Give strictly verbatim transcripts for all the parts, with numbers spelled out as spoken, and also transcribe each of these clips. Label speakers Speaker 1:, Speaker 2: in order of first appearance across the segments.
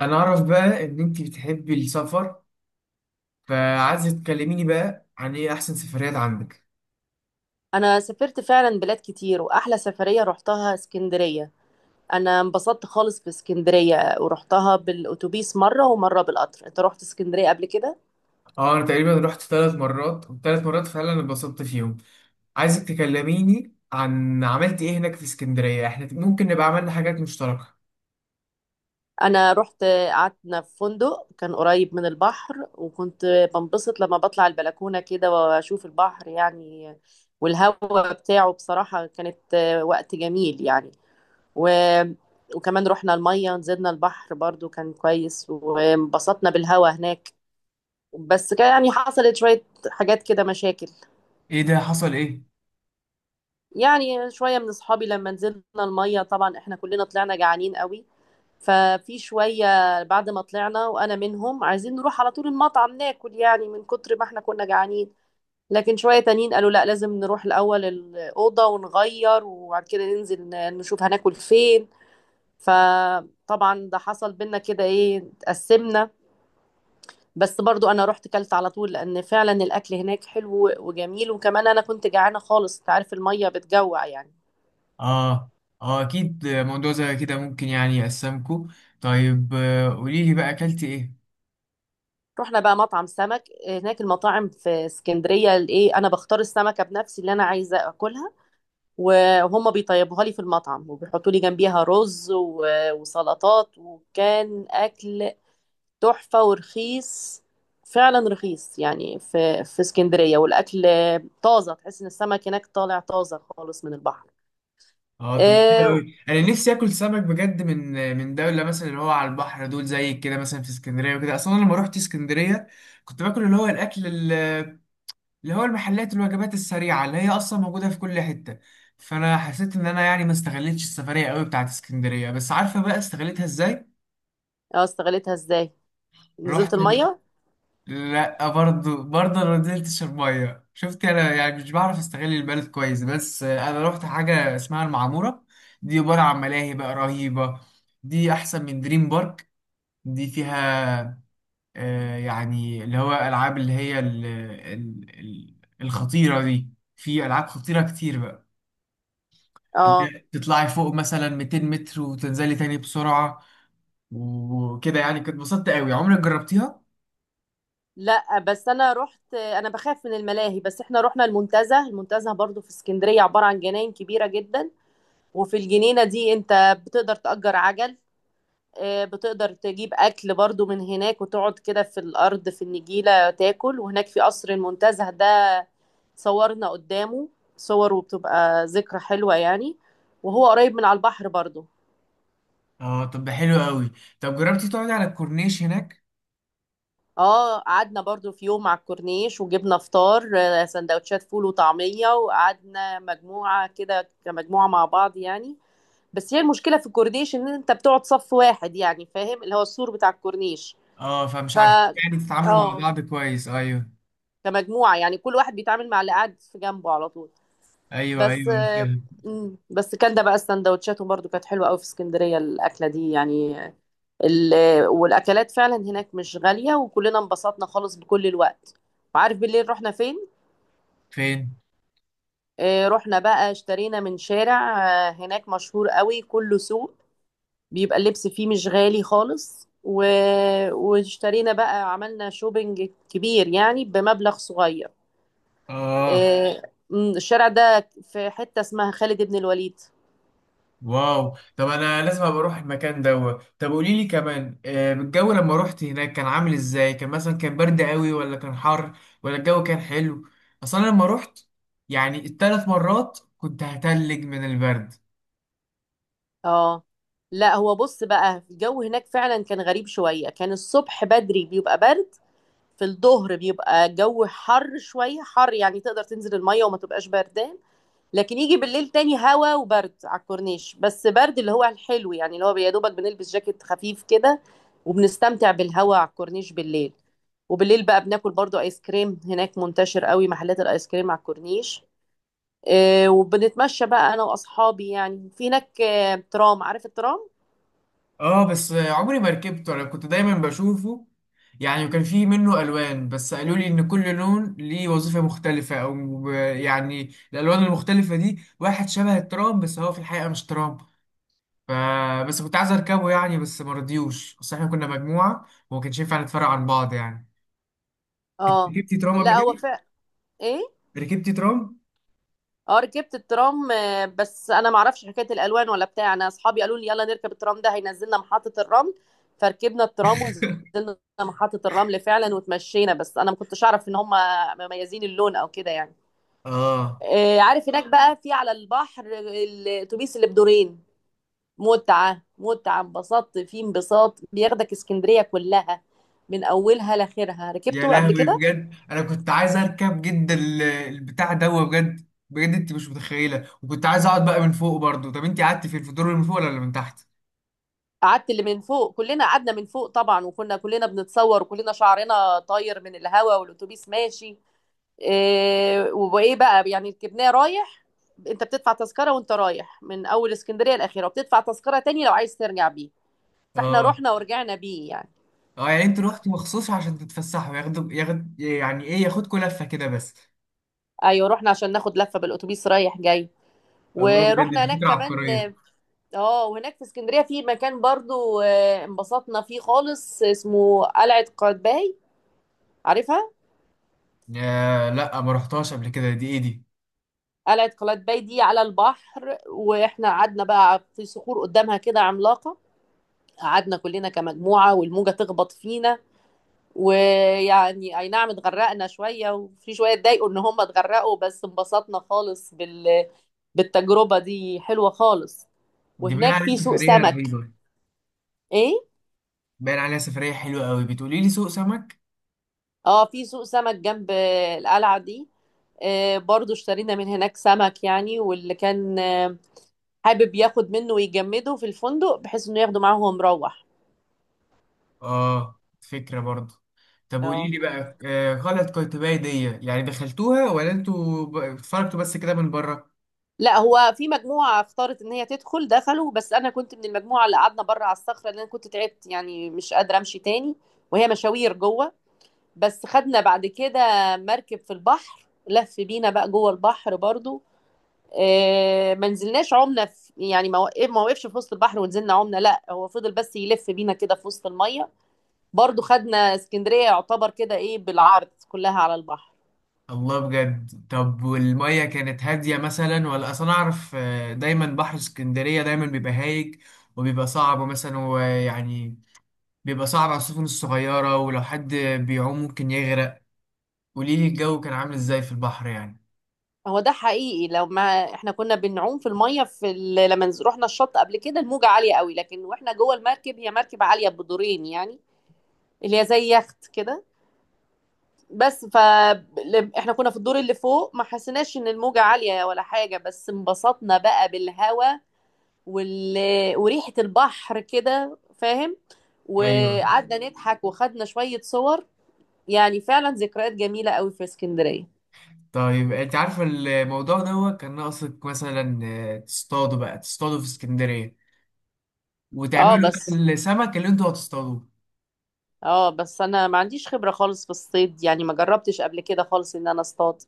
Speaker 1: انا اعرف بقى ان انت بتحبي السفر. فعايزه تكلميني بقى عن ايه احسن سفريات عندك.
Speaker 2: انا سافرت فعلا بلاد كتير، واحلى سفرية رحتها اسكندرية. انا انبسطت خالص في اسكندرية، ورحتها بالاتوبيس مرة ومرة بالقطر. انت رحت اسكندرية قبل كده؟
Speaker 1: اه انا تقريبا رحت ثلاث مرات والثلاث مرات فعلا اتبسطت فيهم. عايزك تكلميني عن عملت ايه هناك في اسكندريه، احنا ممكن نبقى عملنا حاجات مشتركه.
Speaker 2: انا رحت، قعدنا في فندق كان قريب من البحر، وكنت بنبسط لما بطلع البلكونة كده واشوف البحر يعني. والهواء بتاعه بصراحة كانت وقت جميل يعني. و... وكمان رحنا المية، نزلنا البحر، برضو كان كويس، وانبسطنا بالهواء هناك. بس كان يعني حصلت شوية حاجات كده، مشاكل.
Speaker 1: ايه ده؟ حصل ايه؟
Speaker 2: يعني شوية من أصحابي لما نزلنا المية، طبعا إحنا كلنا طلعنا جعانين قوي. ففي شوية بعد ما طلعنا، وأنا منهم، عايزين نروح على طول المطعم ناكل، يعني من كتر ما إحنا كنا جعانين. لكن شوية تانيين قالوا لا، لازم نروح الأول الأوضة ونغير، وبعد كده ننزل ن- نشوف هناكل فين. فطبعا ده حصل بينا كده، إيه، اتقسمنا. بس برضو انا رحت كلت على طول، لان فعلا الاكل هناك حلو وجميل، وكمان انا كنت جعانه خالص. انت عارف الميه بتجوع يعني.
Speaker 1: اه. اه اكيد موضوع زي كده ممكن يعني يقسمكو. طيب آه، قوليلي بقى اكلتي ايه.
Speaker 2: رحنا بقى مطعم سمك هناك. المطاعم في اسكندريه الايه، انا بختار السمكه بنفسي اللي انا عايزه اكلها، وهم بيطيبوها لي في المطعم، وبيحطوا لي جنبيها رز و- وسلطات، وكان اكل تحفه ورخيص. فعلا رخيص يعني، في في اسكندريه، والاكل طازه. تحس ان السمك هناك طالع طازه خالص من البحر.
Speaker 1: اه طب حلو
Speaker 2: آه،
Speaker 1: قوي، انا نفسي اكل سمك بجد من من دوله مثلا اللي هو على البحر، دول زي كده مثلا في اسكندريه وكده. اصلا أنا لما روحت اسكندريه كنت باكل اللي هو الاكل ال- اللي هو المحلات الوجبات السريعه اللي هي اصلا موجوده في كل حته. فانا حسيت ان انا يعني ما استغلتش السفريه قوي بتاعت اسكندريه، بس عارفه بقى استغلتها ازاي؟
Speaker 2: اه، استغلتها ازاي؟ نزلت
Speaker 1: رحت.
Speaker 2: الميه.
Speaker 1: لا، برضه برضه انا ما نزلتش الميه، شفت انا يعني مش بعرف استغل البلد كويس. بس انا رحت حاجه اسمها المعموره. دي عباره عن ملاهي بقى رهيبه. دي احسن من دريم بارك. دي فيها آه يعني اللي هو العاب اللي هي ال ال ال الخطيره دي. في العاب خطيره كتير بقى، اللي
Speaker 2: اه،
Speaker 1: هي تطلعي فوق مثلا مئتين متر وتنزلي تاني بسرعه وكده. يعني كنت اتبسطت قوي. عمرك جربتيها؟
Speaker 2: لا، بس انا رحت، انا بخاف من الملاهي. بس احنا رحنا المنتزه. المنتزه برضو في اسكندريه عباره عن جناين كبيره جدا. وفي الجنينه دي انت بتقدر تأجر عجل. آه، بتقدر تجيب اكل برضو من هناك، وتقعد كده في الارض في النجيله تاكل. وهناك في قصر المنتزه ده، صورنا قدامه صور، وبتبقى ذكرى حلوه يعني. وهو قريب من على البحر برضو.
Speaker 1: اه طب ده حلو قوي. طب جربتي تقعدي على الكورنيش هناك؟
Speaker 2: اه، قعدنا برضو في يوم على الكورنيش، وجبنا فطار، آه، سندوتشات فول وطعمية، وقعدنا مجموعة كده، كمجموعة مع بعض يعني. بس هي المشكلة في الكورنيش ان انت بتقعد صف واحد يعني، فاهم، اللي هو السور بتاع الكورنيش.
Speaker 1: اه فمش
Speaker 2: ف
Speaker 1: عارفين يعني تتعاملوا مع
Speaker 2: اه.
Speaker 1: بعض كويس، ايوه
Speaker 2: كمجموعة يعني، كل واحد بيتعامل مع اللي قاعد في جنبه على طول.
Speaker 1: ايوه.
Speaker 2: بس
Speaker 1: ايوه أنا
Speaker 2: آه،
Speaker 1: فاهم.
Speaker 2: مم، بس كان ده بقى السندوتشات، وبرضو كانت حلوة قوي في اسكندرية الأكلة دي يعني. ال- والاكلات فعلا هناك مش غاليه، وكلنا انبسطنا خالص بكل الوقت. وعارف بالليل رحنا فين؟
Speaker 1: فين؟
Speaker 2: آه، رحنا بقى، اشترينا من شارع آه، هناك مشهور قوي كله سوق. بيبقى اللبس فيه مش غالي خالص، و... واشترينا بقى، عملنا شوبينج كبير يعني بمبلغ صغير.
Speaker 1: اه.
Speaker 2: آه، مم، الشارع ده في حته اسمها خالد بن الوليد.
Speaker 1: واو، طب انا لازم ابقى اروح المكان دوت. طب قولي لي كمان، آه، الجو لما روحت هناك كان عامل ازاي؟ كان مثلا كان برد قوي ولا كان حر ولا الجو كان حلو؟ اصلا لما روحت يعني الثلاث مرات كنت هتلج من البرد.
Speaker 2: اه، لا، هو بص بقى، الجو هناك فعلا كان غريب شويه. كان الصبح بدري بيبقى برد. في الظهر بيبقى الجو حر، شوية حر يعني، تقدر تنزل المية وما تبقاش بردان. لكن يجي بالليل تاني هوا وبرد على الكورنيش. بس برد اللي هو الحلو يعني، اللي هو يا دوبك بنلبس جاكيت خفيف كده، وبنستمتع بالهوا على الكورنيش بالليل. وبالليل بقى بناكل برضو ايس كريم، هناك منتشر قوي محلات الايس كريم على الكورنيش. آه، وبنتمشى بقى انا واصحابي يعني. في هناك آه، ترام. عارف الترام؟
Speaker 1: اه بس عمري ما ركبته، انا كنت دايما بشوفه يعني. وكان فيه منه الوان، بس قالوا لي ان كل لون ليه وظيفة مختلفة او ب- يعني الالوان المختلفة دي واحد شبه الترام بس هو في الحقيقة مش ترام. ف بس كنت عايز اركبه يعني، بس ما رضيوش، بس احنا كنا مجموعة وما كانش ينفع نتفرق عن بعض يعني. انت
Speaker 2: اه.
Speaker 1: ركبتي ترام قبل
Speaker 2: لا، هو
Speaker 1: كده؟
Speaker 2: فا ايه.
Speaker 1: ركبتي ترام؟
Speaker 2: اه، ركبت الترام. آه، بس انا ما اعرفش حكايه الالوان ولا بتاع. انا اصحابي قالوا لي يلا نركب الترام ده، هينزلنا محطه الرمل. فركبنا الترام ونزلنا محطه الرمل فعلا، وتمشينا. بس انا ما كنتش اعرف ان هم مميزين اللون او كده يعني.
Speaker 1: اه.
Speaker 2: آه، عارف هناك بقى في على البحر الاتوبيس اللي بدورين. متعه متعه، انبسطت فيه انبساط. بياخدك اسكندريه كلها من اولها لاخرها.
Speaker 1: يا
Speaker 2: ركبته قبل
Speaker 1: لهوي
Speaker 2: كده؟
Speaker 1: بجد انا كنت عايز اركب جدا ال- البتاع ده، بجد بجد انت مش متخيله. وكنت عايز اقعد بقى من فوق برضو. طب انت قعدتي فين؟ في الدور اللي من فوق ولا اللي من تحت؟
Speaker 2: قعدت اللي من فوق. كلنا قعدنا من فوق طبعا، وكنا كلنا بنتصور، وكلنا شعرنا طاير من الهواء والاتوبيس ماشي. إيه، وايه بقى يعني، ركبناه رايح. انت بتدفع تذكره وانت رايح من اول اسكندريه الاخيره، وبتدفع تذكره تاني لو عايز ترجع بيه. فاحنا
Speaker 1: اه.
Speaker 2: رحنا ورجعنا بيه يعني.
Speaker 1: اه يعني انت رحتي مخصوص عشان تتفسحوا، ياخدوا ياخد يعني ايه، ياخدكوا لفه كده بس؟
Speaker 2: ايوه، رحنا عشان ناخد لفه بالاتوبيس رايح جاي،
Speaker 1: الله بجد
Speaker 2: ورحنا
Speaker 1: دي
Speaker 2: هناك
Speaker 1: فكره
Speaker 2: كمان.
Speaker 1: عبقريه.
Speaker 2: اه، وهناك في اسكندريه في مكان برضو آه، انبسطنا فيه خالص، اسمه قلعه قايتباي. عارفها؟
Speaker 1: يا لا ما رحتهاش قبل كده، دي ايه دي؟
Speaker 2: قلعة قلاتباي دي على البحر، واحنا قعدنا بقى في صخور قدامها كده عملاقة. قعدنا كلنا كمجموعة، والموجة تخبط فينا، ويعني اي نعم اتغرقنا شوية، وفي شوية اتضايقوا ان هم اتغرقوا. بس انبسطنا خالص بال... بالتجربة دي، حلوة خالص.
Speaker 1: دي باين
Speaker 2: وهناك
Speaker 1: عليها
Speaker 2: في سوق
Speaker 1: سفريه
Speaker 2: سمك.
Speaker 1: رهيبه.
Speaker 2: ايه.
Speaker 1: باين عليها سفريه حلوه قوي. بتقولي لي سوق سمك؟
Speaker 2: اه، في سوق سمك جنب القلعة دي. آه، برضو اشترينا من هناك سمك يعني، واللي كان آه، حابب ياخد منه ويجمده في الفندق بحيث انه ياخده معاه وهو مروح.
Speaker 1: اه فكرة برضه. طب قولي
Speaker 2: اه،
Speaker 1: لي بقى آه غلط، قيتباي دي يعني دخلتوها ولا انتوا ب- اتفرجتوا بس كده من بره؟
Speaker 2: لا، هو في مجموعة اختارت ان هي تدخل، دخلوا. بس انا كنت من المجموعة اللي قعدنا بره على الصخرة، لان انا كنت تعبت يعني، مش قادرة امشي تاني. وهي مشاوير جوه. بس خدنا بعد كده مركب في البحر، لف بينا بقى جوه البحر برضو. آه، ما نزلناش عمنا في يعني. ما وقف- ما وقفش في وسط البحر ونزلنا عمنا. لا، هو فضل بس يلف بينا كده في وسط المية. برضو خدنا اسكندرية، يعتبر كده، ايه، بالعرض كلها على البحر.
Speaker 1: الله بجد. طب والمية كانت هادية مثلا؟ ولا اصلا اعرف آه دايما بحر اسكندرية دايما بيبقى هايج وبيبقى صعب مثلا، ويعني بيبقى صعب على السفن الصغيرة ولو حد بيعوم ممكن يغرق. قولي لي الجو كان عامل ازاي في البحر يعني.
Speaker 2: هو ده حقيقي. لو ما احنا كنا بنعوم في الميه في ال... لما نز- رحنا الشط قبل كده، الموجه عاليه قوي. لكن واحنا جوه المركب، هي مركب عاليه بدورين يعني، اللي هي زي يخت كده. بس ف ل- احنا كنا في الدور اللي فوق، ما حسيناش ان الموجه عاليه ولا حاجه. بس انبسطنا بقى بالهوا، وال... وريحه البحر كده، فاهم.
Speaker 1: ايوه.
Speaker 2: وقعدنا نضحك، وخدنا شويه صور. يعني فعلا ذكريات جميله قوي في اسكندريه.
Speaker 1: طيب انت عارفه الموضوع دوت كان ناقصك مثلا، آه، تصطادوا بقى، تصطادوا في اسكندرية
Speaker 2: اه
Speaker 1: وتعملوا بقى
Speaker 2: بس
Speaker 1: السمك اللي انتوا هتصطادوه.
Speaker 2: اه بس انا ما عنديش خبرة خالص في الصيد يعني، ما جربتش قبل كده خالص ان انا اصطاد.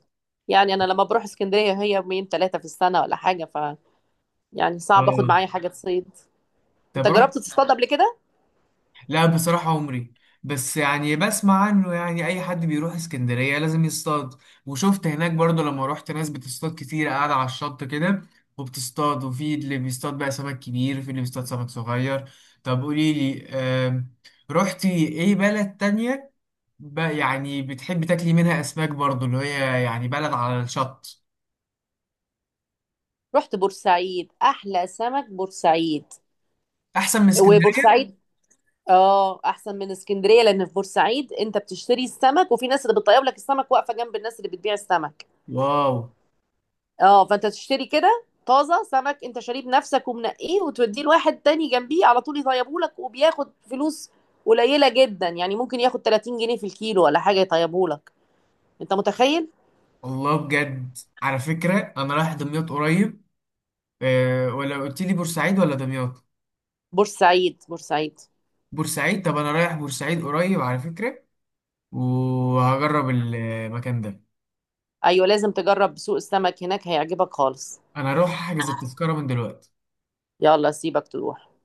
Speaker 2: يعني انا لما بروح اسكندرية هي يومين ثلاثة في السنة ولا حاجة. ف يعني صعب اخد
Speaker 1: اه
Speaker 2: معايا حاجة تصيد. انت
Speaker 1: طب روح.
Speaker 2: جربت تصطاد قبل كده؟
Speaker 1: لا بصراحة عمري. بس يعني بسمع عنه، يعني اي حد بيروح اسكندرية لازم يصطاد. وشفت هناك برضو لما روحت ناس بتصطاد كتير قاعدة على الشط كده وبتصطاد، وفي اللي بيصطاد بقى سمك كبير وفي اللي بيصطاد سمك صغير. طب قولي لي، آم، رحتي ايه بلد تانية بقى يعني بتحبي تاكلي منها اسماك برضو، اللي هي يعني بلد على الشط؟
Speaker 2: رحت بورسعيد، احلى سمك بورسعيد.
Speaker 1: احسن من اسكندرية؟
Speaker 2: وبورسعيد، اه، احسن من اسكندرية، لان في بورسعيد انت بتشتري السمك، وفي ناس اللي بتطيب لك السمك واقفة جنب الناس اللي بتبيع السمك.
Speaker 1: واو.
Speaker 2: اه، فانت تشتري كده طازه سمك انت شاريه بنفسك ومنقيه، وتوديه لواحد تاني جنبيه على طول يطيبه لك، وبياخد فلوس قليله جدا يعني. ممكن ياخد ثلاثين جنيه في الكيلو ولا حاجه يطيبه لك. انت متخيل؟
Speaker 1: والله بجد على فكرة أنا رايح دمياط قريب. أه، ولا قلت لي بورسعيد ولا دمياط؟
Speaker 2: بورسعيد، بورسعيد.
Speaker 1: بورسعيد؟ طب أنا رايح بورسعيد قريب على فكرة وهجرب المكان ده.
Speaker 2: ايوه، لازم تجرب سوق السمك هناك، هيعجبك خالص.
Speaker 1: أنا هروح أحجز التذكرة من دلوقتي.
Speaker 2: يلا، سيبك تروح.